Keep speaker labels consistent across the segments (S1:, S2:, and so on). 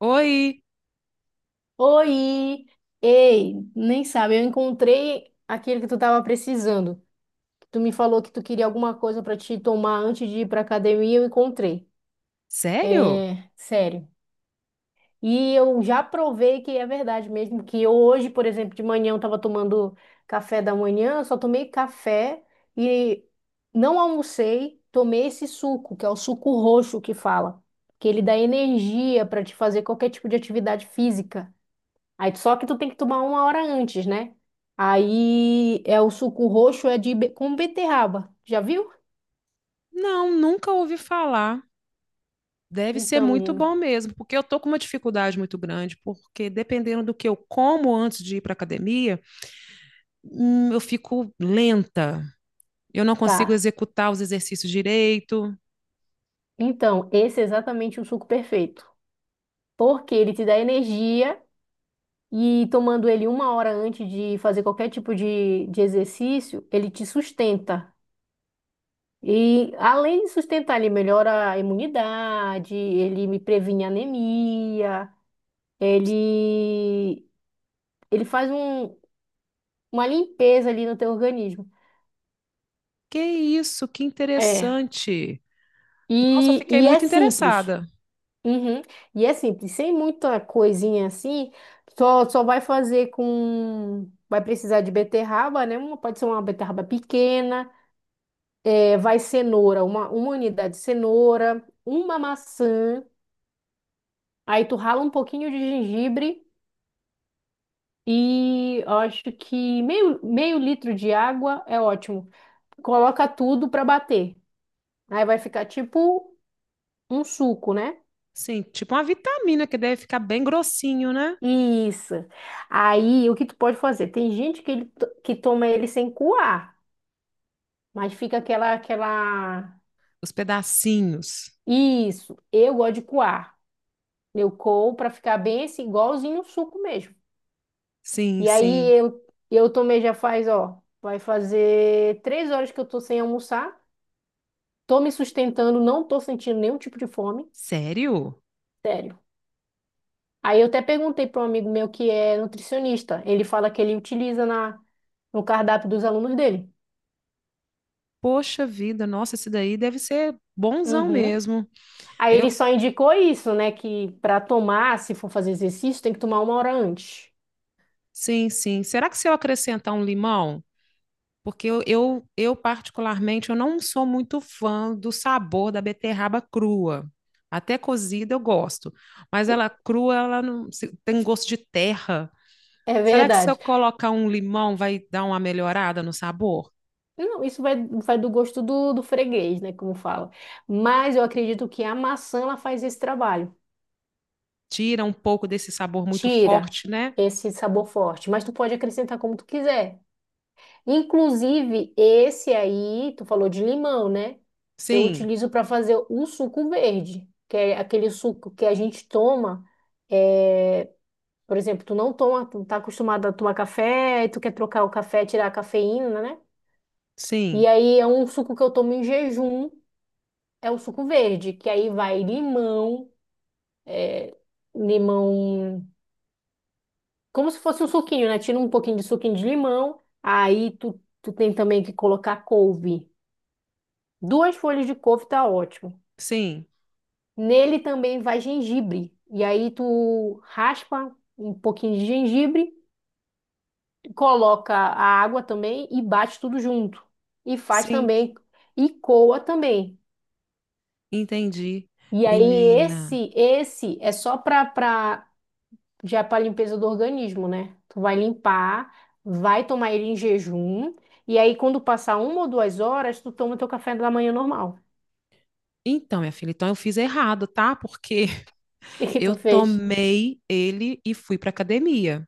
S1: Oi,
S2: Oi! Ei, nem sabe, eu encontrei aquilo que tu tava precisando. Tu me falou que tu queria alguma coisa pra te tomar antes de ir pra academia, eu encontrei.
S1: sério?
S2: É, sério. E eu já provei que é verdade mesmo, que eu hoje, por exemplo, de manhã eu tava tomando café da manhã, eu só tomei café e não almocei, tomei esse suco, que é o suco roxo que fala, que ele dá energia pra te fazer qualquer tipo de atividade física. Aí só que tu tem que tomar uma hora antes, né? Aí o suco roxo é de com beterraba. Já viu?
S1: Não, nunca ouvi falar. Deve ser
S2: Então,
S1: muito
S2: menino,
S1: bom mesmo, porque eu tô com uma dificuldade muito grande, porque dependendo do que eu como antes de ir para academia, eu fico lenta. Eu não consigo
S2: tá.
S1: executar os exercícios direito.
S2: Então, esse é exatamente o suco perfeito. Porque ele te dá energia e tomando ele uma hora antes de fazer qualquer tipo de exercício, ele te sustenta. E além de sustentar, ele melhora a imunidade, ele me previne anemia, ele, ele faz um, uma limpeza ali no teu organismo.
S1: Que isso, que
S2: É.
S1: interessante. Nossa, eu
S2: E,
S1: fiquei
S2: e é
S1: muito
S2: simples.
S1: interessada.
S2: Uhum. E é simples, sem muita coisinha assim, só vai fazer com. Vai precisar de beterraba, né? Pode ser uma beterraba pequena, vai cenoura, uma unidade de cenoura, uma maçã, aí tu rala um pouquinho de gengibre e eu acho que meio litro de água é ótimo. Coloca tudo pra bater. Aí vai ficar tipo um suco, né?
S1: Sim, tipo uma vitamina que deve ficar bem grossinho, né?
S2: Isso. Aí, o que tu pode fazer? Tem gente que, que toma ele sem coar, mas fica aquela...
S1: Os pedacinhos.
S2: Isso, eu gosto de coar. Eu coo pra ficar bem esse, igualzinho um suco mesmo.
S1: Sim,
S2: E aí,
S1: sim.
S2: eu tomei já faz, ó, vai fazer 3 horas que eu tô sem almoçar. Tô me sustentando, não tô sentindo nenhum tipo de fome,
S1: Sério?
S2: sério. Aí, eu até perguntei para um amigo meu que é nutricionista. Ele fala que ele utiliza no cardápio dos alunos dele.
S1: Poxa vida, nossa, esse daí deve ser bonzão
S2: Uhum.
S1: mesmo.
S2: Aí
S1: Eu,
S2: ele só indicou isso, né? Que para tomar, se for fazer exercício, tem que tomar uma hora antes.
S1: sim, sim. Será que se eu acrescentar um limão? Porque eu, particularmente, eu não sou muito fã do sabor da beterraba crua. Até cozida eu gosto, mas
S2: E-
S1: ela crua, ela tem gosto de terra.
S2: É
S1: Será que se eu
S2: verdade.
S1: colocar um limão vai dar uma melhorada no sabor?
S2: Não, isso vai do gosto do freguês, né? Como fala. Mas eu acredito que a maçã ela faz esse trabalho.
S1: Tira um pouco desse sabor muito
S2: Tira
S1: forte, né?
S2: esse sabor forte. Mas tu pode acrescentar como tu quiser. Inclusive, esse aí, tu falou de limão, né? Eu
S1: Sim,
S2: utilizo para fazer o suco verde, que é aquele suco que a gente toma. É, por exemplo, tu não toma, tu tá acostumado a tomar café, e tu quer trocar o café, tirar a cafeína, né?
S1: sim,
S2: E aí é um suco que eu tomo em jejum, é o suco verde, que aí vai limão, é, limão, como se fosse um suquinho, né? Tira um pouquinho de suquinho de limão, aí tu tem também que colocar couve. 2 folhas de couve tá ótimo.
S1: sim,
S2: Nele também vai gengibre. E aí tu raspa um pouquinho de gengibre coloca a água também e bate tudo junto. E faz
S1: sim.
S2: também e coa também.
S1: Entendi.
S2: E aí
S1: Menina.
S2: esse é só para já para limpeza do organismo, né? Tu vai limpar, vai tomar ele em jejum e aí quando passar 1 ou 2 horas, tu toma teu café da manhã normal.
S1: Então, minha filha, então eu fiz errado, tá? Porque
S2: O que que
S1: eu
S2: tu fez?
S1: tomei ele e fui para academia.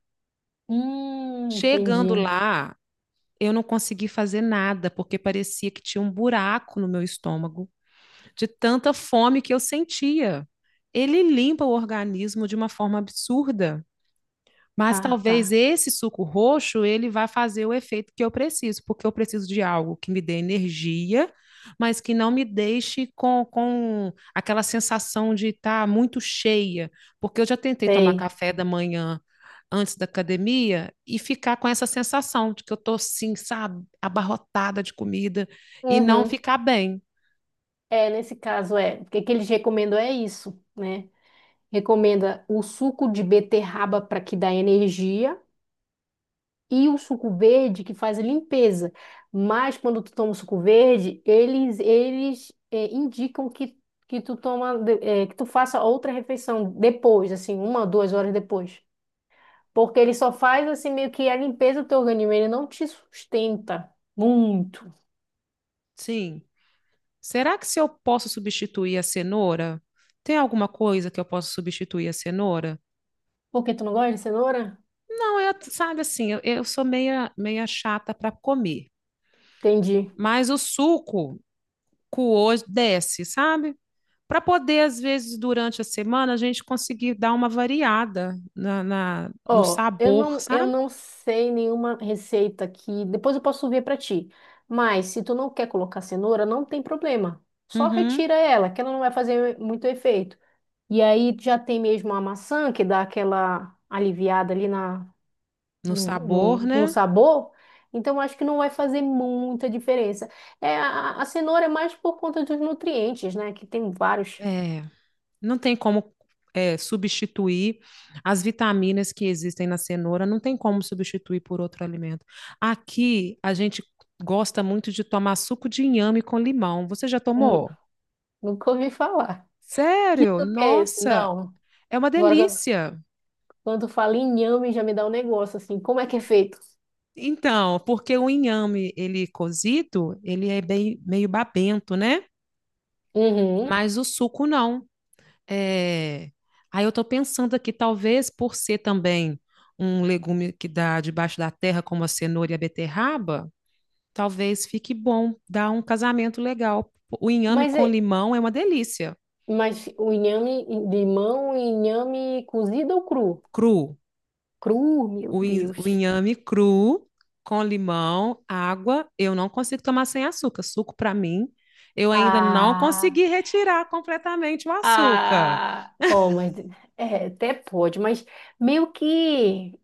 S1: Chegando
S2: Entendi.
S1: lá, eu não consegui fazer nada, porque parecia que tinha um buraco no meu estômago, de tanta fome que eu sentia. Ele limpa o organismo de uma forma absurda. Mas
S2: Ah, tá.
S1: talvez esse suco roxo ele vá fazer o efeito que eu preciso, porque eu preciso de algo que me dê energia, mas que não me deixe com aquela sensação de estar muito cheia, porque eu já tentei tomar
S2: Sei.
S1: café da manhã antes da academia e ficar com essa sensação de que eu estou assim, sabe, abarrotada de comida e não
S2: Uhum.
S1: ficar bem.
S2: É, nesse caso é, o que que eles recomendam é isso, né? Recomenda o suco de beterraba para que dá energia e o suco verde que faz a limpeza. Mas quando tu toma o suco verde, eles indicam que tu toma de- eh, que tu faça outra refeição depois, assim, uma, 2 horas depois, porque ele só faz assim meio que a limpeza do teu organismo, ele não te sustenta muito.
S1: Sim. Será que se eu posso substituir a cenoura? Tem alguma coisa que eu posso substituir a cenoura?
S2: Por que tu não gosta de cenoura?
S1: Não, eu, sabe assim, eu sou meia chata para comer,
S2: Entendi.
S1: mas o suco coou desce, sabe? Para poder, às vezes, durante a semana, a gente conseguir dar uma variada no
S2: Ó,
S1: sabor,
S2: eu
S1: sabe?
S2: não sei nenhuma receita que depois eu posso ver para ti. Mas se tu não quer colocar cenoura, não tem problema. Só
S1: Uhum,
S2: retira ela, que ela não vai fazer muito efeito. E aí já tem mesmo a maçã que dá aquela aliviada ali na,
S1: no
S2: no,
S1: sabor,
S2: no, no
S1: né?
S2: sabor. Então acho que não vai fazer muita diferença. É, a cenoura é mais por conta dos nutrientes, né? Que tem vários.
S1: É, não tem como substituir as vitaminas que existem na cenoura, não tem como substituir por outro alimento. Aqui, a gente gosta muito de tomar suco de inhame com limão. Você já
S2: Hum,
S1: tomou?
S2: Nunca ouvi falar. Que
S1: Sério?
S2: suco é esse?
S1: Nossa,
S2: Não.
S1: é uma delícia.
S2: Quando fala em inhame, já me dá um negócio assim. Como é que é feito?
S1: Então, porque o inhame, ele cozido, ele é bem, meio babento, né?
S2: Uhum.
S1: Mas o suco não. É... Aí eu tô pensando aqui, talvez por ser também um legume que dá debaixo da terra, como a cenoura e a beterraba, talvez fique bom, dá um casamento legal. O inhame
S2: Mas,
S1: com
S2: é-
S1: limão é uma delícia,
S2: mas o inhame de mão, e inhame cozido ou cru?
S1: cru.
S2: Cru, meu
S1: O
S2: Deus.
S1: inhame cru com limão, água, eu não consigo tomar sem açúcar. Suco para mim, eu ainda não
S2: Ah,
S1: consegui retirar completamente o açúcar.
S2: ah. Oh, mas é, até pode, mas meio que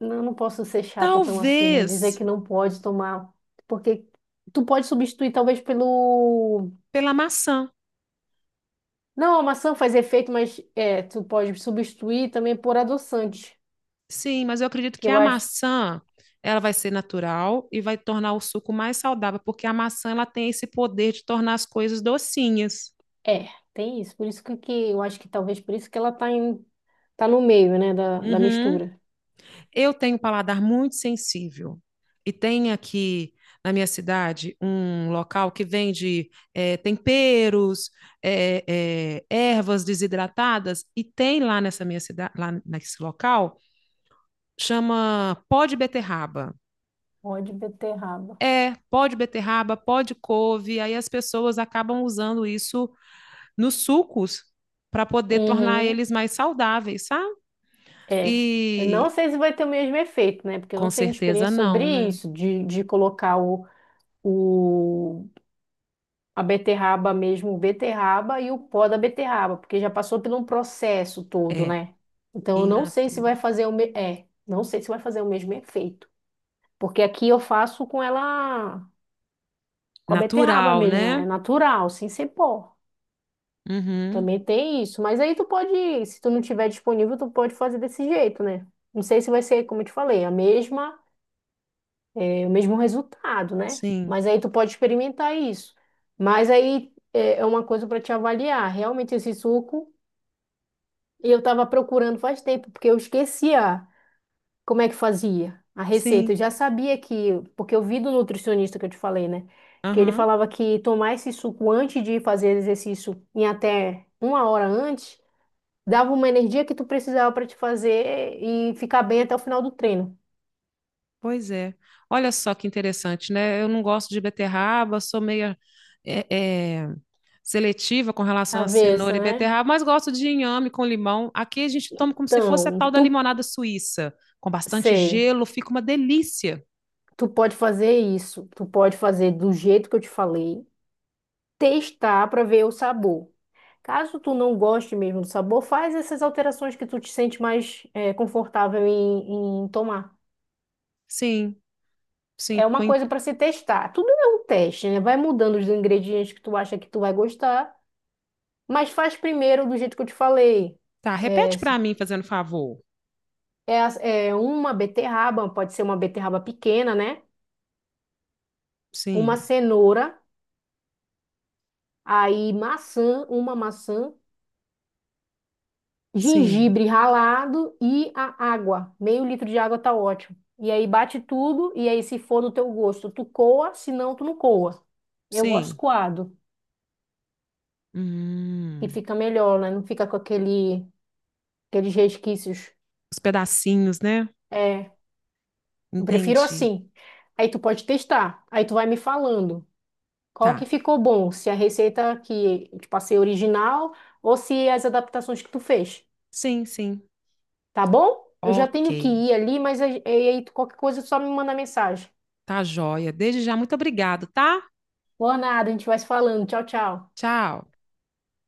S2: não posso ser chata tão assim, né? Dizer
S1: Talvez
S2: que não pode tomar, porque tu pode substituir talvez pelo.
S1: pela maçã.
S2: Não, a maçã faz efeito, mas é, tu pode substituir também por adoçante,
S1: Sim, mas eu acredito
S2: que
S1: que
S2: eu
S1: a
S2: acho.
S1: maçã ela vai ser natural e vai tornar o suco mais saudável, porque a maçã ela tem esse poder de tornar as coisas docinhas.
S2: É, tem isso. Por isso que eu acho que talvez por isso que ela tá no meio, né, da
S1: Uhum.
S2: mistura.
S1: Eu tenho um paladar muito sensível e tem aqui na minha cidade um local que vende temperos, é, ervas desidratadas e tem lá nessa minha cidade, lá nesse local, chama pó de beterraba.
S2: Ó de beterraba.
S1: É, pó de beterraba, pó de couve, aí as pessoas acabam usando isso nos sucos para poder tornar
S2: Uhum,
S1: eles mais saudáveis, sabe?
S2: é. Eu não
S1: E
S2: sei se vai ter o mesmo efeito, né? Porque eu
S1: com
S2: não tenho
S1: certeza
S2: experiência
S1: não,
S2: sobre
S1: né?
S2: isso, de colocar o, a beterraba mesmo, beterraba e o pó da beterraba, porque já passou por um processo todo,
S1: É,
S2: né? Então eu
S1: in
S2: não sei se
S1: natura.
S2: vai fazer o me... é, não sei se vai fazer o mesmo efeito. Porque aqui eu faço com ela com a beterraba
S1: Natural,
S2: mesmo, é
S1: né?
S2: natural, sem ser pó.
S1: Uhum.
S2: Também tem isso. Mas aí tu pode, se tu não tiver disponível, tu pode fazer desse jeito, né? Não sei se vai ser, como eu te falei, o mesmo resultado, né?
S1: Sim,
S2: Mas aí tu pode experimentar isso. Mas aí é uma coisa para te avaliar. Realmente esse suco, eu tava procurando faz tempo, porque eu esquecia. Como é que fazia a receita? Eu
S1: sim.
S2: já sabia que, porque eu vi do nutricionista que eu te falei, né? Que ele
S1: Aham.
S2: falava que tomar esse suco antes de fazer exercício em até uma hora antes, dava uma energia que tu precisava para te fazer e ficar bem até o final do treino.
S1: Pois é. Olha só que interessante, né? Eu não gosto de beterraba, sou meio seletiva com relação a cenoura
S2: Cabeça,
S1: e
S2: né?
S1: beterraba, mas gosto de inhame com limão. Aqui a gente toma como se fosse a
S2: Então,
S1: tal da limonada suíça, com bastante
S2: sei,
S1: gelo, fica uma delícia.
S2: tu pode fazer isso, tu pode fazer do jeito que eu te falei, testar para ver o sabor. Caso tu não goste mesmo do sabor, faz essas alterações que tu te sente mais confortável em tomar.
S1: Sim, sim.
S2: É uma
S1: Ficou em-
S2: coisa para se testar. Tudo é um teste, né? Vai mudando os ingredientes que tu acha que tu vai gostar, mas faz primeiro do jeito que eu te falei.
S1: Tá,
S2: É,
S1: repete
S2: se-
S1: para mim, fazendo favor.
S2: É uma beterraba, pode ser uma beterraba pequena, né? Uma
S1: Sim,
S2: cenoura, aí maçã, uma maçã.
S1: sim,
S2: Gengibre ralado e a água. Meio litro de água tá ótimo. E aí bate tudo, e aí se for do teu gosto, tu coa, se não, tu não coa. Eu gosto
S1: sim.
S2: coado, e
S1: Hum,
S2: fica melhor, né? Não fica com aqueles resquícios.
S1: os pedacinhos, né?
S2: É, eu prefiro
S1: Entendi.
S2: assim. Aí tu pode testar, aí tu vai me falando qual que
S1: Tá.
S2: ficou bom, se a receita que eu te passei é original ou se as adaptações que tu fez,
S1: Sim, sim.
S2: tá bom? Eu já
S1: Ok.
S2: tenho que ir ali, mas qualquer coisa só me manda mensagem.
S1: Tá joia. Desde já, muito obrigado, tá?
S2: Boa nada, a gente vai se falando. Tchau, tchau.
S1: Tchau.